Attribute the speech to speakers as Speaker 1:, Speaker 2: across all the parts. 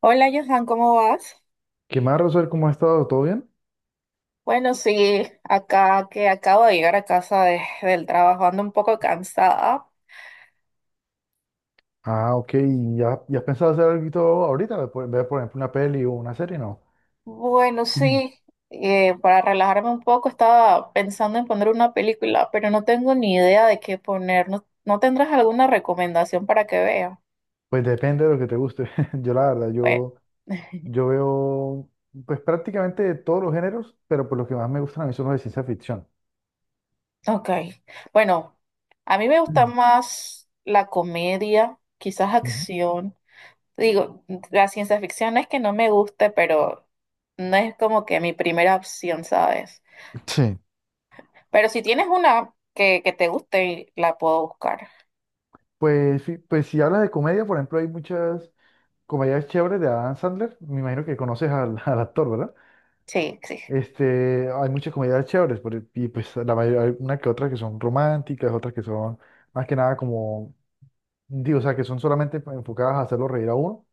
Speaker 1: Hola Johan, ¿cómo vas?
Speaker 2: ¿Qué más, Rosel? ¿Cómo has estado? ¿Todo bien?
Speaker 1: Bueno, sí, acá que acabo de llegar a casa del trabajo, ando un poco cansada.
Speaker 2: Ah, ok. ¿Ya has pensado hacer algo ahorita? Por por ejemplo, una peli o una serie, ¿no?
Speaker 1: Bueno,
Speaker 2: Mm.
Speaker 1: sí, para relajarme un poco estaba pensando en poner una película, pero no tengo ni idea de qué poner. ¿No tendrás alguna recomendación para que vea?
Speaker 2: Pues depende de lo que te guste. Yo, la verdad,
Speaker 1: Bueno,
Speaker 2: yo, yo veo pues prácticamente de todos los géneros, pero por lo que más me gustan a mí son los de ciencia ficción.
Speaker 1: ok. Bueno, a mí me gusta
Speaker 2: Mm,
Speaker 1: más la comedia, quizás
Speaker 2: ujú.
Speaker 1: acción. Digo, la ciencia ficción no es que no me guste, pero no es como que mi primera opción, ¿sabes?
Speaker 2: Sí.
Speaker 1: Pero si tienes una que te guste, la puedo buscar.
Speaker 2: Pues, sí, pues si hablas de comedia, por ejemplo, hay muchas comedias chéveres de Adam Sandler. Me imagino que conoces al, al actor, ¿verdad?
Speaker 1: Sí, sí.
Speaker 2: Este, hay muchas comedias chéveres, y pues la mayoría, hay una que otra que son románticas, otras que son más que nada como, digo, o sea, que son solamente enfocadas a hacerlo reír a uno,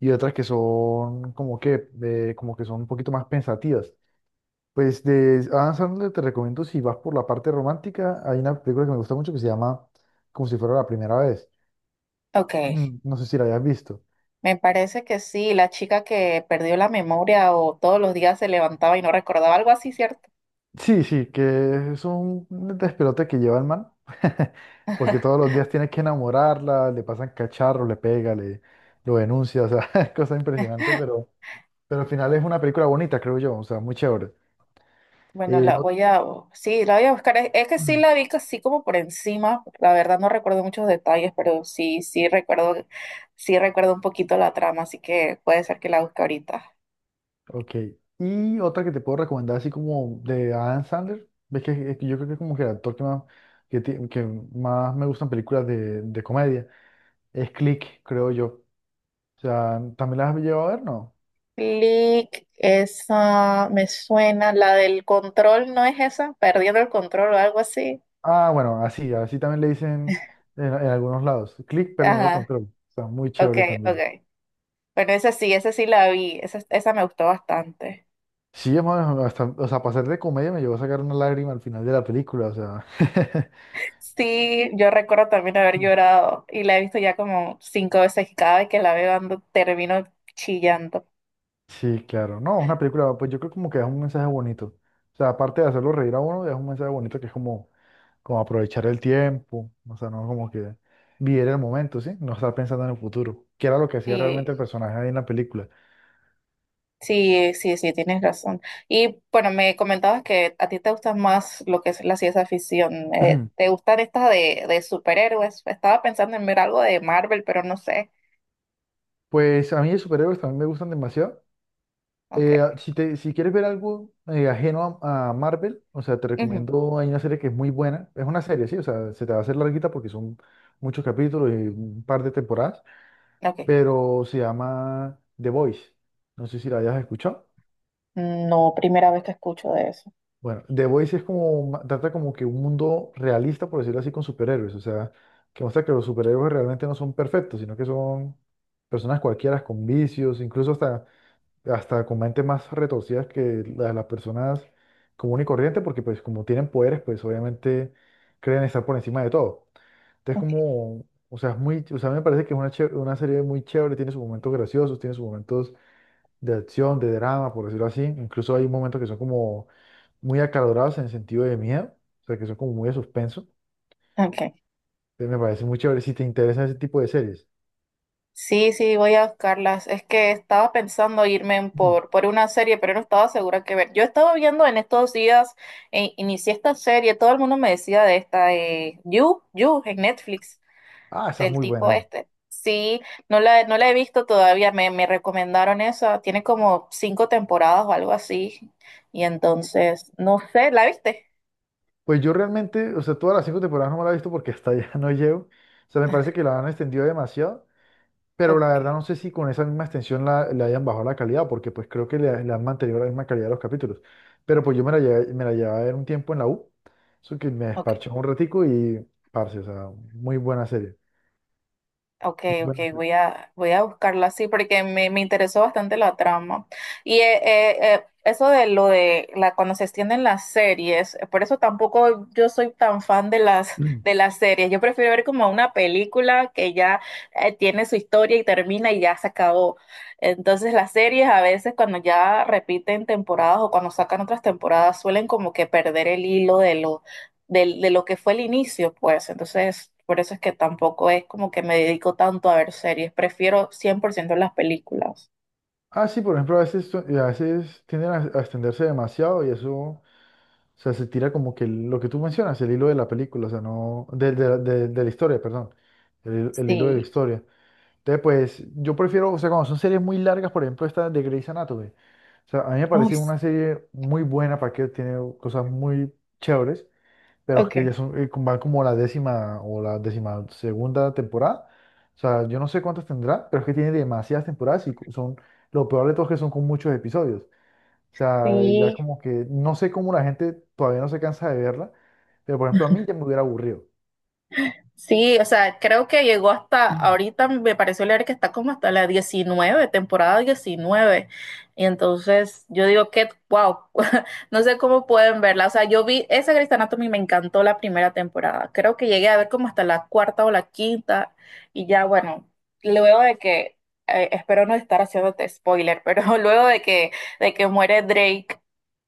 Speaker 2: y otras que son como que son un poquito más pensativas. Pues de Adam Sandler te recomiendo, si vas por la parte romántica, hay una película que me gusta mucho que se llama Como si fuera la primera vez.
Speaker 1: Ok.
Speaker 2: Mm, no sé si la hayas visto.
Speaker 1: Me parece que sí, la chica que perdió la memoria o todos los días se levantaba y no recordaba algo así, ¿cierto?
Speaker 2: Sí, sí, que es un despelote que lleva el man, porque todos los días tiene que enamorarla, le pasan cacharros, le pega, le lo denuncia, o sea, es cosa impresionante, pero al final es una película bonita, creo yo, o sea, muy chévere.
Speaker 1: Bueno,
Speaker 2: Eh,
Speaker 1: la
Speaker 2: ot-
Speaker 1: voy a, sí, la voy a buscar. Es que sí la vi casi como por encima. La verdad no recuerdo muchos detalles, pero sí recuerdo un poquito la trama, así que puede ser que la busque ahorita.
Speaker 2: ok, y otra que te puedo recomendar, así como de Adam Sandler, ves que, es que yo creo que es como que el actor que más, que más me gustan películas de comedia, es Click, creo yo. O sea, ¿también las has llevado a ver, no?
Speaker 1: Click, esa me suena, la del control, ¿no es esa? Perdiendo el control o algo así.
Speaker 2: Ah, bueno, así, así también le dicen en algunos lados. Click perdiendo el
Speaker 1: Ajá,
Speaker 2: control. Está muy
Speaker 1: ok,
Speaker 2: chévere
Speaker 1: ok.
Speaker 2: también.
Speaker 1: Bueno, esa sí la vi, esa me gustó bastante.
Speaker 2: Sí, hermano, hasta, o sea, para ser de comedia me llevó a sacar una lágrima al final de la película, o sea.
Speaker 1: Sí, yo recuerdo también haber llorado y la he visto ya como cinco veces y cada vez que la veo ando termino chillando.
Speaker 2: Sí, claro. No, una película, pues yo creo como que es un mensaje bonito. O sea, aparte de hacerlo reír a uno, es un mensaje bonito que es como, como aprovechar el tiempo, o sea, no como que vivir el momento, ¿sí? No estar pensando en el futuro, que era lo que hacía realmente
Speaker 1: Sí,
Speaker 2: el personaje ahí en la película.
Speaker 1: sí, sí, sí, tienes razón. Y bueno, me comentabas que a ti te gusta más lo que es la ciencia ficción. ¿Te gustan estas de superhéroes? Estaba pensando en ver algo de Marvel, pero no sé.
Speaker 2: Pues a mí los superhéroes también me gustan demasiado.
Speaker 1: Ok.
Speaker 2: Si quieres ver algo ajeno a Marvel, o sea, te
Speaker 1: Ujú,
Speaker 2: recomiendo, hay una serie que es muy buena, es una serie, sí, o sea, se te va a hacer larguita porque son muchos capítulos y un par de temporadas,
Speaker 1: ok.
Speaker 2: pero se llama The Voice, no sé si la hayas escuchado.
Speaker 1: No, primera vez que escucho de eso.
Speaker 2: Bueno, The Voice es como, trata como que un mundo realista, por decirlo así, con superhéroes, o sea, que muestra que los superhéroes realmente no son perfectos, sino que son personas cualquiera con vicios, incluso hasta hasta con mentes más retorcidas de las personas común y corriente, porque pues como tienen poderes, pues obviamente creen estar por encima de todo. Entonces
Speaker 1: Ok.
Speaker 2: como, o sea, es muy, o sea, a mí me parece que es una, una serie muy chévere, tiene sus momentos graciosos, tiene sus momentos de acción, de drama, por decirlo así. Incluso hay momentos que son como muy acalorados en el sentido de miedo, o sea, que son como muy de suspenso.
Speaker 1: Ok.
Speaker 2: Entonces me parece muy chévere si te interesa ese tipo de series.
Speaker 1: Sí, sí, voy a buscarlas. Es que estaba pensando irme en
Speaker 2: Mm.
Speaker 1: por, por una serie, pero no estaba segura qué ver. Yo estaba viendo en estos días, inicié esta serie, todo el mundo me decía de esta, You, You, en Netflix,
Speaker 2: Ah, esa es
Speaker 1: del
Speaker 2: muy
Speaker 1: tipo
Speaker 2: buena.
Speaker 1: este. Sí, no la he visto todavía, me recomendaron esa, tiene como cinco temporadas o algo así. Y entonces, no sé, ¿la viste?
Speaker 2: Pues yo realmente, o sea, todas las cinco temporadas no me la he visto porque hasta allá no llego. O sea, me parece que la han extendido demasiado, pero la
Speaker 1: Ok,
Speaker 2: verdad no sé si con esa misma extensión la, le hayan bajado la calidad, porque pues creo que le han mantenido la misma calidad a los capítulos. Pero pues yo me la llevé a ver un tiempo en la U, eso que me
Speaker 1: ok.
Speaker 2: desparché un ratico y, parce, o sea, muy buena serie.
Speaker 1: Ok,
Speaker 2: Muy
Speaker 1: ok,
Speaker 2: buena.
Speaker 1: voy a buscarla así porque me interesó bastante la trama. Y eso de lo de la, cuando se extienden las series, por eso tampoco yo soy tan fan de de las series. Yo prefiero ver como una película que ya tiene su historia y termina y ya se acabó. Entonces las series a veces cuando ya repiten temporadas o cuando sacan otras temporadas suelen como que perder el hilo de lo que fue el inicio, pues. Entonces, por eso es que tampoco es como que me dedico tanto a ver series. Prefiero cien por ciento las películas.
Speaker 2: Ah, sí, por ejemplo, a veces, a veces tienden a extenderse demasiado y eso. O sea, se tira como que lo que tú mencionas, el hilo de la película, o sea, no, de la historia, perdón, el hilo de la
Speaker 1: Sí,
Speaker 2: historia. Entonces, pues, yo prefiero, o sea, cuando son series muy largas, por ejemplo, esta de Grey's Anatomy, o sea, a mí me
Speaker 1: ay,
Speaker 2: parece
Speaker 1: s-
Speaker 2: una serie muy buena para que tiene cosas muy chéveres, pero es que
Speaker 1: ok,
Speaker 2: ya son, van como la décima o la décima segunda temporada, o sea, yo no sé cuántas tendrá, pero es que tiene demasiadas temporadas y son, lo peor de todo es que son con muchos episodios. O sea, ya
Speaker 1: sí.
Speaker 2: como que no sé cómo la gente todavía no se cansa de verla, pero por ejemplo a mí ya me hubiera aburrido.
Speaker 1: Sí, o sea, creo que llegó hasta ahorita, me pareció leer que está como hasta la 19, temporada 19. Y entonces yo digo que wow, no sé cómo pueden verla. O sea, yo vi esa Grey's Anatomy, me encantó la primera temporada. Creo que llegué a ver como hasta la cuarta o la quinta. Y ya, bueno, luego de que, espero no estar haciéndote spoiler, pero luego de que muere Drake,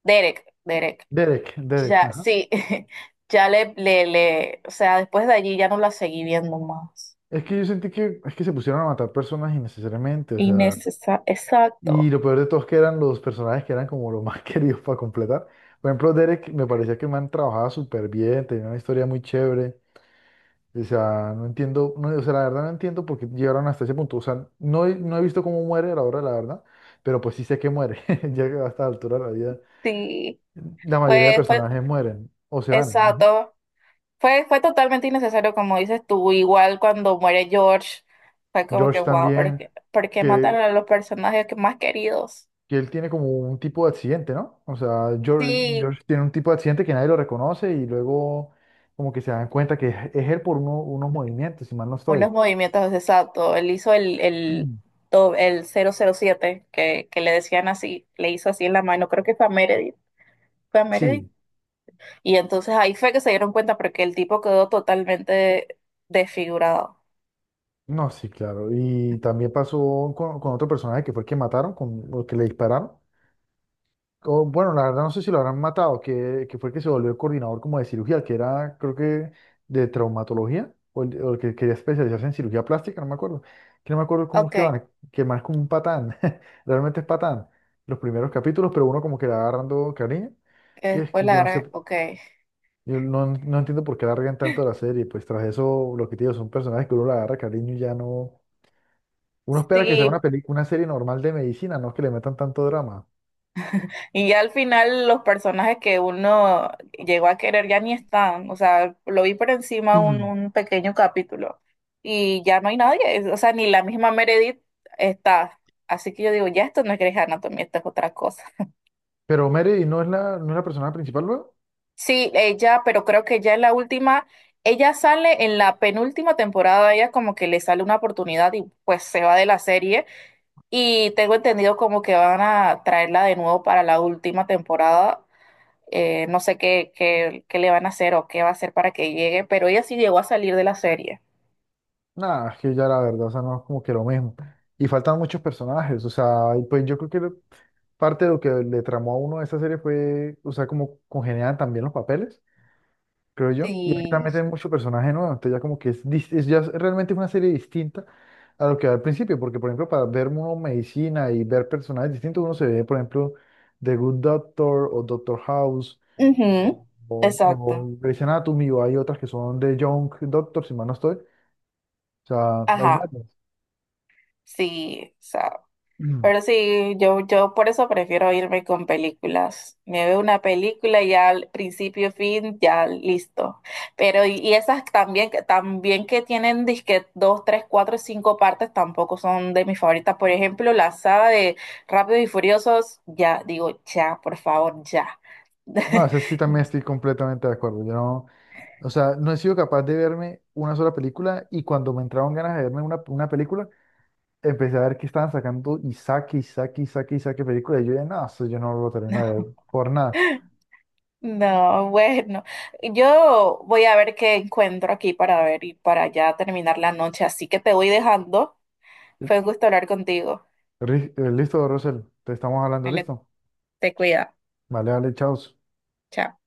Speaker 1: Derek, Derek.
Speaker 2: Derek,
Speaker 1: Ya,
Speaker 2: ajá.
Speaker 1: sí, ya o sea, después de allí ya no la seguí viendo más.
Speaker 2: Es que yo sentí que es que se pusieron a matar personas innecesariamente, o sea,
Speaker 1: Innecesario,
Speaker 2: y
Speaker 1: exacto,
Speaker 2: lo peor de todo es que eran los personajes que eran como los más queridos para completar. Por ejemplo, Derek me parecía que el man trabajaba súper bien, tenía una historia muy chévere. O sea, no entiendo, no, o sea, la verdad no entiendo por qué llegaron hasta ese punto. O sea, no, no he visto cómo muere a la hora de la verdad, pero pues sí sé que muere, ya que a esta altura de la vida
Speaker 1: sí,
Speaker 2: la mayoría de
Speaker 1: fue, fue,
Speaker 2: personajes mueren o se van. Ujú.
Speaker 1: exacto, fue totalmente innecesario, como dices tú, igual cuando muere George, fue como que
Speaker 2: George
Speaker 1: wow,
Speaker 2: también,
Speaker 1: ¿por qué mataron
Speaker 2: que,
Speaker 1: a los personajes que más queridos?
Speaker 2: que él tiene como un tipo de accidente, ¿no? O sea,
Speaker 1: Sí,
Speaker 2: George tiene un tipo de accidente que nadie lo reconoce y luego como que se dan cuenta que es él por unos movimientos, si mal no estoy.
Speaker 1: unos movimientos, exacto, él hizo
Speaker 2: Ujú.
Speaker 1: el 007 que le decían así, le hizo así en la mano, creo que fue a Meredith, fue a Meredith.
Speaker 2: Sí,
Speaker 1: Y entonces ahí fue que se dieron cuenta porque el tipo quedó totalmente desfigurado.
Speaker 2: no, sí, claro. Y también pasó con otro personaje que fue el que mataron, con, o que le dispararon. O, bueno, la verdad no sé si lo habrán matado, que fue el que se volvió el coordinador como de cirugía, que era, creo que, de traumatología, o el que quería especializarse en cirugía plástica, no me acuerdo. Que no me acuerdo cómo
Speaker 1: Ok,
Speaker 2: es que
Speaker 1: que
Speaker 2: van, que más como un patán, realmente es patán, los primeros capítulos, pero uno como que le va agarrando cariño, que es
Speaker 1: después
Speaker 2: que
Speaker 1: la
Speaker 2: yo no sé,
Speaker 1: gran... ok.
Speaker 2: yo no, no entiendo por qué la regan tanto la serie, pues tras eso, lo que te digo, son personajes que uno le agarra cariño y ya no. Uno espera que sea
Speaker 1: Sí,
Speaker 2: una película, una serie normal de medicina, no que le metan tanto drama.
Speaker 1: y ya al final los personajes que uno llegó a querer ya ni están. O sea, lo vi por encima un pequeño capítulo y ya no hay nadie. O sea, ni la misma Meredith está. Así que yo digo, ya esto no es Grey's Anatomy, esto es otra cosa.
Speaker 2: Pero Mary no es la, no es la personaje principal, luego.
Speaker 1: Sí, ella, pero creo que ya en la última, ella sale en la penúltima temporada, ella como que le sale una oportunidad y pues se va de la serie y tengo entendido como que van a traerla de nuevo para la última temporada. No sé qué le van a hacer o qué va a hacer para que llegue, pero ella sí llegó a salir de la serie.
Speaker 2: Nada, es que ya la verdad, o sea, no es como que lo mismo. Y faltan muchos personajes, o sea, y pues yo creo que parte de lo que le tramó a uno de esa serie fue, o sea, como congeniaban también los papeles, creo yo. Y ahí también
Speaker 1: Sí.
Speaker 2: meten muchos personajes nuevos, entonces ya como que es, ya es realmente una serie distinta a lo que era al principio, porque por ejemplo, para ver uno medicina y ver personajes distintos, uno se ve, por ejemplo, The Good Doctor o Doctor House
Speaker 1: Ujú, exacto.
Speaker 2: o Grey's Anatomy, o hay otras que son de Young Doctor, si mal no estoy. O sea, hay
Speaker 1: Ajá.
Speaker 2: varios.
Speaker 1: Sí, o sea, pero sí, yo por eso prefiero irme con películas. Me veo una película y ya al principio, fin, ya listo. Pero y esas también, también que tienen disque dos, tres, cuatro, cinco partes tampoco son de mis favoritas. Por ejemplo, la saga de Rápidos y Furiosos, ya digo, ya, por favor, ya.
Speaker 2: No, ese sí también estoy completamente de acuerdo. Yo no, o sea, no he sido capaz de verme una sola película y cuando me entraron ganas de verme una película, empecé a ver que estaban sacando y saque y saque y saque y saque película. Y yo dije, no, eso yo no lo termino de ver por nada.
Speaker 1: No, bueno, yo voy a ver qué encuentro aquí para ver y para ya terminar la noche. Así que te voy dejando. Fue un gusto hablar contigo.
Speaker 2: Listo, Rosel, te estamos hablando,
Speaker 1: Ale,
Speaker 2: listo.
Speaker 1: te cuida.
Speaker 2: Vale, vale, chao.
Speaker 1: Chao.